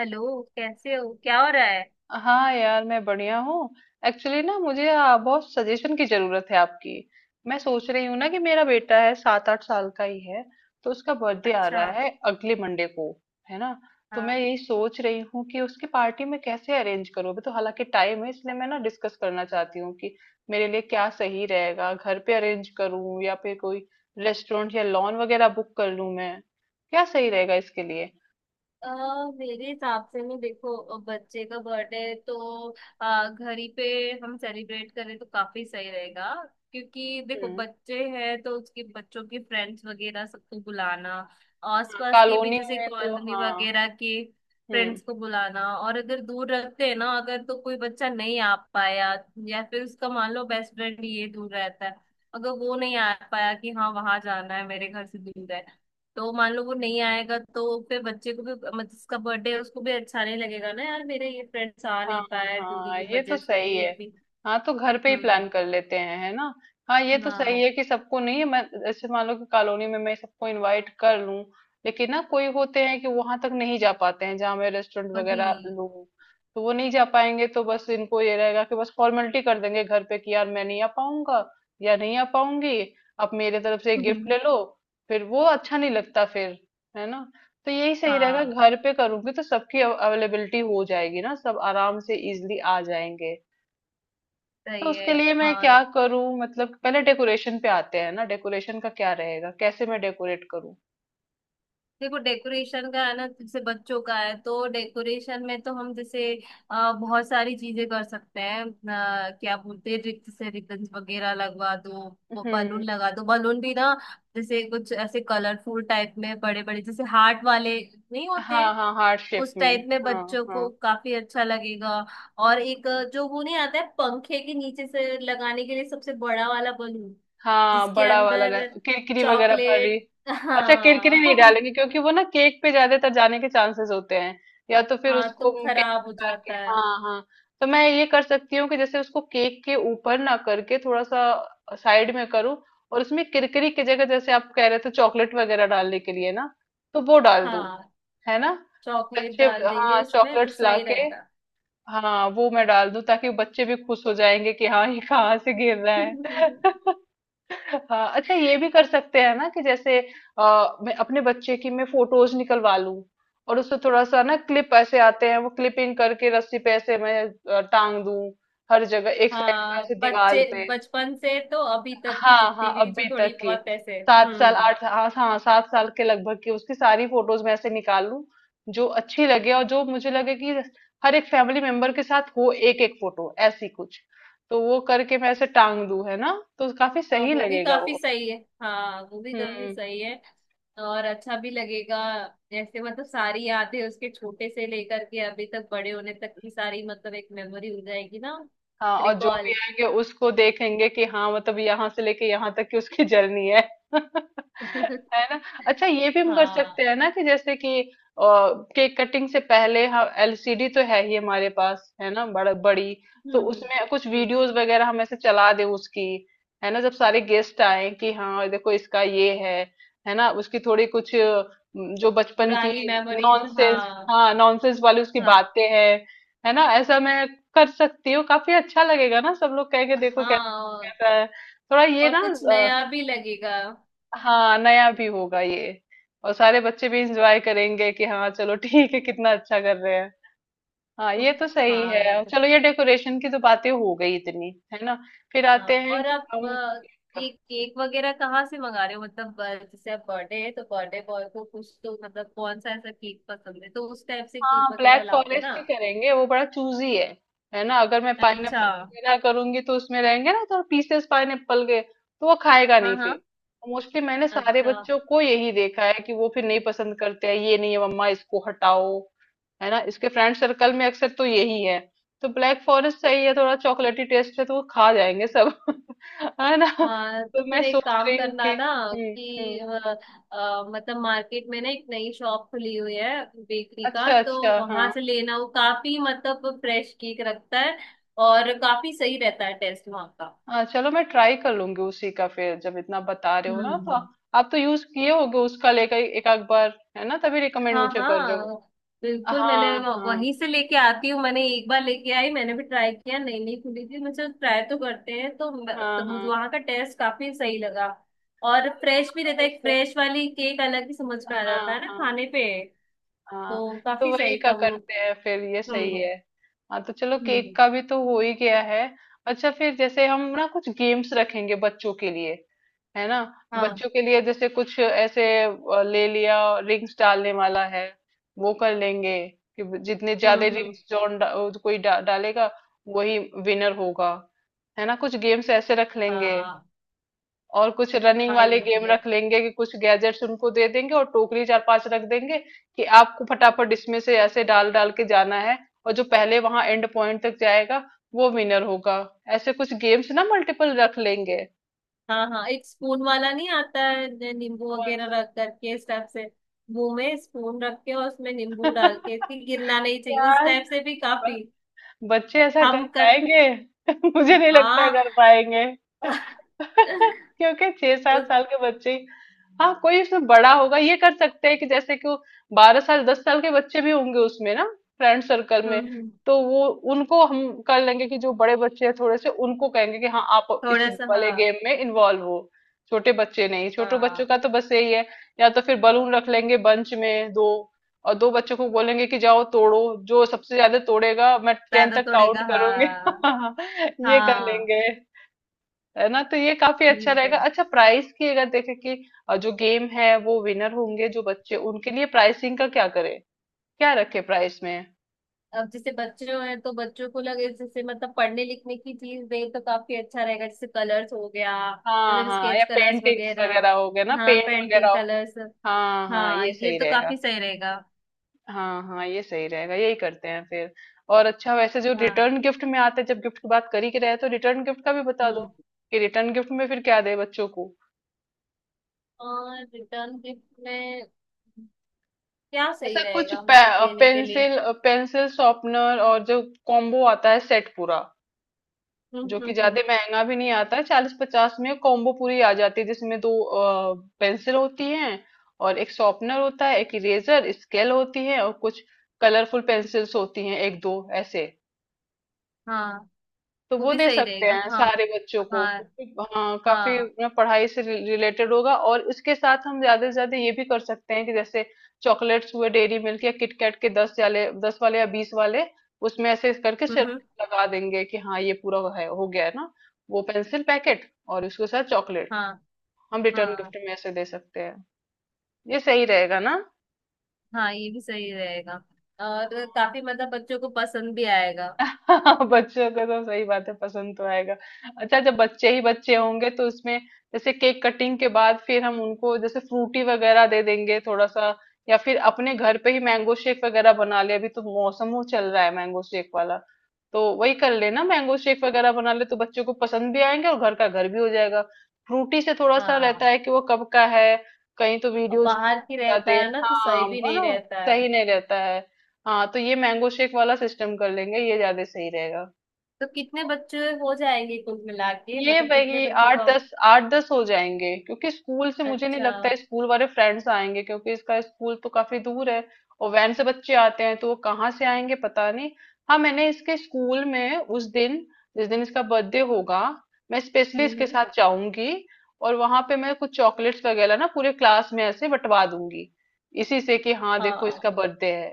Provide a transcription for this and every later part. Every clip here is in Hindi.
हेलो, कैसे हो? क्या हो रहा है? हाँ यार मैं बढ़िया हूँ। एक्चुअली ना मुझे बहुत सजेशन की जरूरत है आपकी। मैं सोच रही हूँ ना कि मेरा बेटा है 7-8 साल का ही है। तो उसका बर्थडे आ अच्छा। रहा है अगले मंडे को। है ना। तो मैं हाँ। यही सोच रही हूँ कि उसकी पार्टी में कैसे अरेंज करूँ अभी तो हालांकि टाइम है इसलिए मैं ना डिस्कस करना चाहती हूँ कि मेरे लिए क्या सही रहेगा घर पे अरेंज करूँ या फिर कोई रेस्टोरेंट या लॉन वगैरह बुक कर लूँ मैं। क्या सही रहेगा इसके लिए। अ, मेरे हिसाब से ना देखो, बच्चे का बर्थडे है तो घर ही पे हम सेलिब्रेट करें तो काफी सही रहेगा। क्योंकि देखो, हम्म। बच्चे हैं तो उसके बच्चों के फ्रेंड्स वगैरह सबको बुलाना, हाँ, आसपास के भी कॉलोनी जैसे में तो कॉलोनी हाँ। वगैरह के हम्म। फ्रेंड्स को बुलाना। और अगर दूर रखते हैं ना, अगर तो कोई बच्चा नहीं आ पाया, या फिर उसका मान लो बेस्ट फ्रेंड ये दूर रहता है, अगर वो नहीं आ पाया कि हाँ वहां जाना है, मेरे घर से दूर है, तो मान लो वो नहीं आएगा, तो फिर बच्चे को भी मतलब जिसका बर्थडे है उसको भी अच्छा नहीं लगेगा ना, यार मेरे ये फ्रेंड्स आ हाँ। नहीं पाए दूरी हाँ की ये तो वजह से, सही ये है। भी। हाँ तो घर पे ही हम्म। प्लान कर लेते हैं है ना। हाँ ये तो सही हाँ, है कि सबको नहीं मैं जैसे मान लो कि कॉलोनी में मैं सबको इनवाइट कर लूं। लेकिन ना कोई होते हैं कि वहां तक नहीं जा पाते हैं जहाँ मैं रेस्टोरेंट वही। वगैरह लूं। तो वो नहीं जा पाएंगे तो बस इनको ये रहेगा कि बस फॉर्मेलिटी कर देंगे घर पे कि यार मैं नहीं आ पाऊंगा या नहीं आ पाऊंगी। आप मेरे तरफ से एक गिफ्ट ले लो। फिर वो अच्छा नहीं लगता फिर। है ना। तो यही सही रहेगा हाँ, घर पे करूंगी तो सबकी अवेलेबिलिटी हो जाएगी ना सब आराम से इजीली आ जाएंगे। तो सही है। उसके लिए मैं हाँ। क्या करूं मतलब पहले डेकोरेशन पे आते हैं ना डेकोरेशन का क्या रहेगा कैसे मैं डेकोरेट करूं। देखो, डेकोरेशन का है ना, जैसे बच्चों का है तो डेकोरेशन में तो हम जैसे बहुत सारी चीजें कर सकते हैं। क्या बोलते हैं, रिक्त से रिबन्स वगैरह लगवा दो, बलून हम्म। लगा दो। बलून भी ना जैसे कुछ ऐसे कलरफुल टाइप में, बड़े बड़े जैसे हार्ट वाले नहीं होते, हाँ हाँ हार्ट शेप उस में। टाइप में हाँ बच्चों को हाँ। काफी अच्छा लगेगा। और एक हाँ जो वो नहीं आता है पंखे के नीचे से लगाने के लिए सबसे बड़ा वाला बलून, हाँ जिसके बड़ा वाला अंदर किरकिरी वगैरह भरी। चॉकलेट। अच्छा किरकिरी नहीं हाँ। डालेंगे क्योंकि वो ना केक पे ज्यादातर जाने के चांसेस होते हैं। या तो फिर हाँ, तो उसको वो केक खराब हो हटा के जाता है। हाँ हाँ। तो मैं ये कर सकती हूँ कि जैसे उसको केक के ऊपर ना करके थोड़ा सा साइड में करूँ। और उसमें किरकिरी की जगह जैसे आप कह रहे थे चॉकलेट वगैरह डालने के लिए ना तो वो डाल दूँ हाँ, है ना। चॉकलेट बच्चे डाल देंगे हाँ उसमें तो चॉकलेट्स सही लाके। रहेगा। हाँ वो मैं डाल दूँ ताकि बच्चे भी खुश हो जाएंगे कि हाँ ये कहाँ से गिर रहा है। हाँ अच्छा ये भी कर सकते हैं ना कि जैसे मैं अपने बच्चे की मैं फोटोज निकलवा लूं। और उससे थोड़ा सा ना क्लिप ऐसे आते हैं वो क्लिपिंग करके रस्सी पे ऐसे मैं टांग दूं। हर जगह एक साइड का हाँ, ऐसे दीवार बच्चे पे। बचपन से तो अभी तक की हाँ हाँ जितनी भी अभी थोड़ी तक की। बहुत पैसे। सात साल हम्म। आठ हाँ हाँ सात साल के लगभग की उसकी सारी फोटोज मैं ऐसे निकाल लूं। जो अच्छी लगे और जो मुझे लगे कि हर एक फैमिली मेंबर के साथ हो एक एक फोटो ऐसी कुछ। तो वो करके मैं ऐसे टांग दूं है ना। तो काफी हाँ, सही वो भी लगेगा। काफी सही है। हाँ वो भी काफी हम्म। सही है, और अच्छा भी लगेगा। जैसे मतलब सारी यादें उसके छोटे से लेकर के अभी तक बड़े होने तक की सारी, मतलब एक मेमोरी हो जाएगी ना। हाँ और जो भी रिकॉल। आएंगे उसको देखेंगे कि हाँ मतलब यहाँ से लेके यहाँ तक की उसकी जर्नी है। है ना। अच्छा ये भी हम कर सकते हाँ। हैं ना कि जैसे कि केक कटिंग से पहले हम एलसीडी तो है ही हमारे पास है ना बड़ा बड़ी। हम्म तो हम्म उसमें कुछ हम्म। वीडियोस वगैरह हम ऐसे चला दें उसकी। है ना जब सारे गेस्ट आए कि हाँ देखो इसका ये है। है ना उसकी थोड़ी कुछ जो बचपन की पुरानी मेमोरीज, नॉनसेंस हाँ। हाँ नॉनसेंस वाली उसकी हाँ। बातें हैं। है ना ऐसा मैं कर सकती हो काफी अच्छा लगेगा ना सब लोग कहेंगे देखो कैसा हाँ। कैसा है। थोड़ा ये और ना कुछ अ, नया भी लगेगा। हाँ नया भी होगा ये। और सारे बच्चे भी इंजॉय करेंगे कि हाँ चलो ठीक है कितना अच्छा कर रहे हैं। हाँ ये तो सही हाँ, है एकदम। चलो ये डेकोरेशन की तो बातें हो गई इतनी। है ना। फिर हाँ आते हैं और कि आप हम। ये केक वगैरह कहाँ से मंगा रहे हो? मतलब जैसे आप, बर्थडे है तो बर्थडे बॉय को कुछ तो मतलब कौन सा ऐसा केक पसंद है तो उस टाइप से केक हाँ वगैरह ब्लैक लाओगे फॉरेस्ट ना? ही करेंगे वो बड़ा चूजी है। है ना अगर मैं अच्छा। पाइनएप्पल वगैरह करूंगी तो उसमें रहेंगे ना तो पीसेस पाइनएप्पल के तो वो खाएगा हाँ नहीं हाँ। फिर। मोस्टली मैंने सारे अच्छा। बच्चों को यही देखा है कि वो फिर नहीं पसंद करते हैं ये नहीं है मम्मा इसको हटाओ। है ना इसके फ्रेंड सर्कल में अक्सर तो यही है। तो ब्लैक फॉरेस्ट सही है थोड़ा चॉकलेटी टेस्ट है तो वो खा जाएंगे सब। है ना। हाँ, तो तो मैं फिर एक सोच काम रही हूँ कि। करना ना हम्म हम्म। कि मतलब मार्केट में ना एक नई शॉप खुली हुई है बेकरी का, अच्छा तो अच्छा हाँ। वहां से लेना, वो काफी मतलब फ्रेश केक रखता है, और काफी सही रहता है टेस्ट वहां का। हाँ चलो मैं ट्राई कर लूंगी उसी का फिर जब इतना बता रहे हो हम्म ना तो। हम्म। आप तो यूज किए होगे उसका लेकर एक आध बार है ना तभी रिकमेंड हाँ मुझे कर रहे हो। हाँ, बिल्कुल। मैंने हाँ हाँ वहीं से लेके आती हूँ, मैंने एक बार लेके आई, मैंने भी ट्राई किया, नई नई खुली थी, मुझे ट्राई तो करते हैं, हाँ तो मुझे हाँ। वहाँ का टेस्ट काफी सही लगा। और हाँ तो फ्रेश भी चलो रहता वहीं है, एक से। फ्रेश वाली केक अलग ही समझ में आ हाँ जाता है ना हाँ। खाने पे। हाँ तो तो काफी वही सही का था वो। करते हैं फिर ये सही हम्म है। हाँ तो चलो केक हम्म। का भी तो हो ही गया है। अच्छा फिर जैसे हम ना कुछ गेम्स रखेंगे बच्चों के लिए। है ना। हाँ। बच्चों के लिए जैसे कुछ ऐसे ले लिया रिंग्स डालने वाला है। वो कर लेंगे कि जितने ज्यादा हम्म। रिंग्स कोई डालेगा वही विनर होगा। है ना कुछ गेम्स ऐसे रख लेंगे। हाँ, और कुछ रनिंग हाँ, वाले ये गेम भी है। रख लेंगे कि कुछ गैजेट्स उनको दे देंगे और टोकरी चार पांच रख देंगे। कि आपको फटाफट इसमें से ऐसे डाल डाल के जाना है। और जो पहले वहां एंड पॉइंट तक जाएगा वो विनर होगा। ऐसे कुछ गेम्स ना मल्टीपल रख लेंगे। हाँ हाँ, एक स्पून वाला नहीं आता है जो नींबू कौन वगैरह सा। रख करके, इस टाइप से मुंह में स्पून रख के और उसमें नींबू डाल के कि गिरना नहीं चाहिए, उस यार टाइप से भी काफी। बच्चे ऐसा कर हम कर। पाएंगे। मुझे नहीं लगता है हाँ। कर पाएंगे। क्योंकि छह सात उस। साल के बच्चे। हाँ कोई उसमें बड़ा होगा ये कर सकते हैं कि जैसे कि वो 12 साल 10 साल के बच्चे भी होंगे उसमें ना फ्रेंड सर्कल हम्म में। हम्म, तो वो उनको हम कर लेंगे कि जो बड़े बच्चे हैं थोड़े से उनको कहेंगे कि हाँ आप इस थोड़ा सा वाले हाँ। गेम में इन्वॉल्व हो। छोटे बच्चे नहीं छोटे बच्चों हाँ, का तो बस यही है। या तो फिर बलून रख लेंगे बंच में दो और दो बच्चों को बोलेंगे कि जाओ तोड़ो। जो सबसे ज्यादा तोड़ेगा मैं 10 ज्यादा तक काउंट तोड़ेगा, हाँ। करूंगी। ये कर हाँ, लेंगे। है ना तो ये काफी ये अच्छा भी रहेगा सही। अच्छा प्राइस की अगर देखें कि जो गेम है वो विनर होंगे जो बच्चे उनके लिए प्राइसिंग का क्या करें। क्या रखे प्राइस में। अब जैसे बच्चों हैं तो बच्चों को लगे जैसे मतलब पढ़ने लिखने की चीज दे तो काफी अच्छा रहेगा, जैसे कलर्स हो गया, हाँ मतलब हाँ या स्केच कलर्स पेंटिंग्स वगैरह। वगैरह हो गए ना हाँ पेंट वगैरह पेंटिंग हो। कलर्स। हाँ हाँ हाँ, ये ये सही तो रहेगा। काफी सही रहेगा। हाँ हाँ ये सही रहेगा यही करते हैं फिर। और अच्छा वैसे जो हाँ। रिटर्न गिफ्ट में आते हैं जब गिफ्ट की बात कर ही रहे हैं तो रिटर्न गिफ्ट का भी बता दो हम्म। कि रिटर्न गिफ्ट में फिर क्या दे बच्चों को। और रिटर्न गिफ्ट में क्या सही ऐसा कुछ रहेगा मतलब देने के लिए? पेंसिल पेंसिल शॉर्पनर और जो कॉम्बो आता है सेट पूरा। जो कि हम्म। ज्यादा महंगा भी नहीं आता है 40-50 में कॉम्बो पूरी आ जाती है जिसमें दो पेंसिल होती हैं। और एक शॉर्पनर होता है एक इरेजर स्केल होती है और कुछ कलरफुल पेंसिल्स होती हैं एक दो ऐसे। हाँ, तो वो वो भी दे सही सकते रहेगा। हैं हाँ। सारे बच्चों को हाँ। क्योंकि, हाँ काफी हाँ। ना पढ़ाई से रिलेटेड होगा और इसके साथ हम ज्यादा से ज्यादा ये भी कर सकते हैं कि जैसे चॉकलेट्स हुए डेयरी मिल्क या किटकैट के दस वाले या 20 वाले। उसमें ऐसे करके हम्म हम्म, सिर्फ लगा देंगे कि हाँ ये पूरा है हो गया है ना। वो पेंसिल पैकेट और उसके साथ चॉकलेट हाँ। हम रिटर्न हाँ। गिफ्ट में ऐसे दे सकते हैं। ये सही रहेगा ना। हाँ ये भी सही रहेगा, और काफी मतलब बच्चों को पसंद भी आएगा। हाँ बच्चों को तो सही बात है पसंद तो आएगा। अच्छा जब बच्चे ही बच्चे होंगे तो उसमें जैसे केक कटिंग के बाद फिर हम उनको जैसे फ्रूटी वगैरह दे देंगे थोड़ा सा। या फिर अपने घर पे ही मैंगो शेक वगैरह बना ले अभी तो मौसम वो चल रहा है मैंगो शेक वाला। तो वही कर लेना मैंगो शेक वगैरह बना ले तो बच्चों को पसंद भी आएंगे और घर का घर भी हो जाएगा। फ्रूटी से थोड़ा सा रहता हाँ, है कि वो कब का है कहीं तो और वीडियोज बाहर की रहता जाते हैं है ना तो सही हाँ भी नहीं बोलो रहता है। सही नहीं रहता है। हाँ तो ये मैंगो शेक वाला सिस्टम कर लेंगे ये ज्यादा सही रहेगा। तो कितने बच्चे हो जाएंगे कुल मिला के, ये मतलब कितने भाई बच्चों को अब? आठ दस हो जाएंगे क्योंकि स्कूल से मुझे नहीं अच्छा। लगता है स्कूल वाले फ्रेंड्स आएंगे क्योंकि इसका स्कूल तो काफी दूर है। और वैन से बच्चे आते हैं तो वो कहाँ से आएंगे पता नहीं। हाँ मैंने इसके स्कूल में उस दिन जिस दिन इसका बर्थडे होगा मैं स्पेशली हम्म इसके हम्म। साथ जाऊंगी। और वहां पे मैं कुछ चॉकलेट्स वगैरह ना पूरे क्लास में ऐसे बंटवा दूंगी इसी से कि हाँ देखो इसका हाँ बर्थडे है।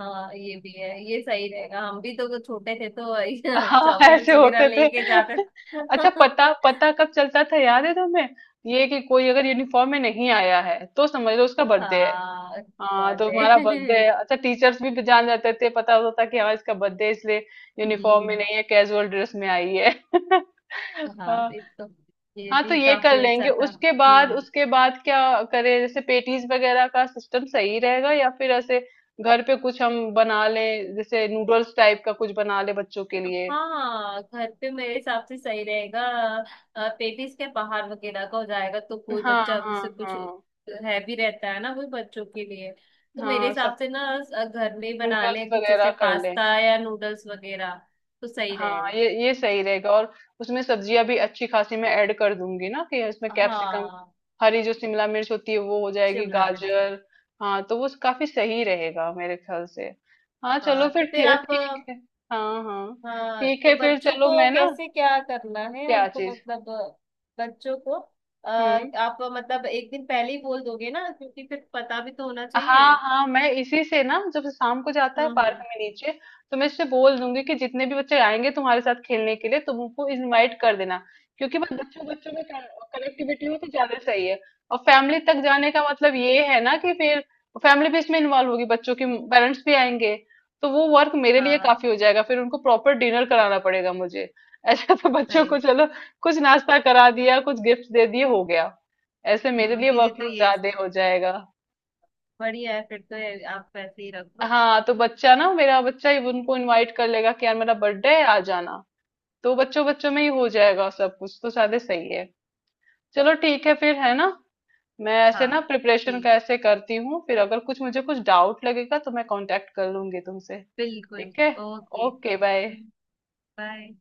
हाँ ये भी है, ये सही रहेगा। हम भी तो छोटे थे तो हाँ। ऐसे चॉकलेट्स वगैरह होते थे। लेके जाते अच्छा थे। पता पता कब चलता था याद है तुम्हें। ये कि कोई अगर यूनिफॉर्म में नहीं आया है तो समझ लो उसका बर्थडे है। हाँ, हाँ तो बर्थडे। हमारा बर्थडे है अच्छा टीचर्स भी जान जाते थे पता होता था कि हाँ इसका बर्थडे इसलिए यूनिफॉर्म में हम्म। नहीं है कैजुअल ड्रेस में आई है। हाँ, हाँ ये तो ये हाँ, तो भी ये कर काफी लेंगे अच्छा था। उसके बाद हम्म। उसके बाद क्या करें जैसे पेटीज वगैरह का सिस्टम सही रहेगा या फिर ऐसे घर पे कुछ हम बना लें जैसे नूडल्स टाइप का कुछ बना ले बच्चों के लिए। हाँ, घर पे मेरे हिसाब से सही रहेगा। पेटिस के बाहर वगैरह का हो जाएगा तो कोई हाँ बच्चा हाँ जैसे हाँ कुछ हैवी रहता है ना वो बच्चों के लिए। तो मेरे हाँ सब हिसाब से ना घर में ही बना नूडल्स लें कुछ वगैरह जैसे कर ले। पास्ता या नूडल्स वगैरह, तो सही हाँ रहेगा। ये सही रहेगा और उसमें सब्जियां भी अच्छी खासी मैं ऐड कर दूंगी ना कि इसमें कैप्सिकम हाँ, हरी जो शिमला मिर्च होती है वो हो जाएगी शिमला मिर्च। गाजर। हाँ तो वो काफी सही रहेगा मेरे ख्याल से। हाँ चलो हाँ तो फिर फिर ठी- आप ठीक है। हाँ हाँ हाँ ठीक तो है फिर बच्चों चलो को मैं ना कैसे क्या करना है क्या हमको, चीज। मतलब बच्चों को अ, हम्म आप मतलब एक दिन पहले ही बोल दोगे ना, क्योंकि फिर पता भी तो होना हाँ चाहिए। हाँ मैं इसी से ना जब शाम को जाता है हम्म पार्क हम्म, में नीचे। तो मैं इससे बोल दूंगी कि जितने भी बच्चे आएंगे तुम्हारे साथ खेलने के लिए तुम उनको इनवाइट कर देना। क्योंकि बस बच्चों बच्चों में कनेक्टिविटी हो तो ज्यादा सही है। और फैमिली तक जाने का मतलब ये है ना कि फिर फैमिली भी इसमें इन्वॉल्व होगी बच्चों के पेरेंट्स भी आएंगे। तो वो वर्क मेरे लिए हाँ, काफी हो जाएगा फिर उनको प्रॉपर डिनर कराना पड़ेगा मुझे। ऐसा तो बच्चों को सही। चलो कुछ नाश्ता करा दिया कुछ गिफ्ट दे दिए हो गया। ऐसे मेरे लिए फिर ये तो वर्कलोड ये ज्यादा हो जाएगा। बढ़िया है, फिर तो ये आप वैसे ही रखो। हाँ तो बच्चा ना मेरा बच्चा ही उनको इनवाइट कर लेगा कि यार मेरा बर्थडे है आ जाना। तो बच्चों बच्चों में ही हो जाएगा सब कुछ तो सादे सही है। चलो ठीक है फिर है ना। मैं ऐसे हाँ। ना प्रिपरेशन ठीक। का ऐसे करती हूँ फिर अगर कुछ मुझे कुछ डाउट लगेगा तो मैं कांटेक्ट कर लूंगी तुमसे। बिल्कुल। ठीक है। ओके। Okay bye. बाय।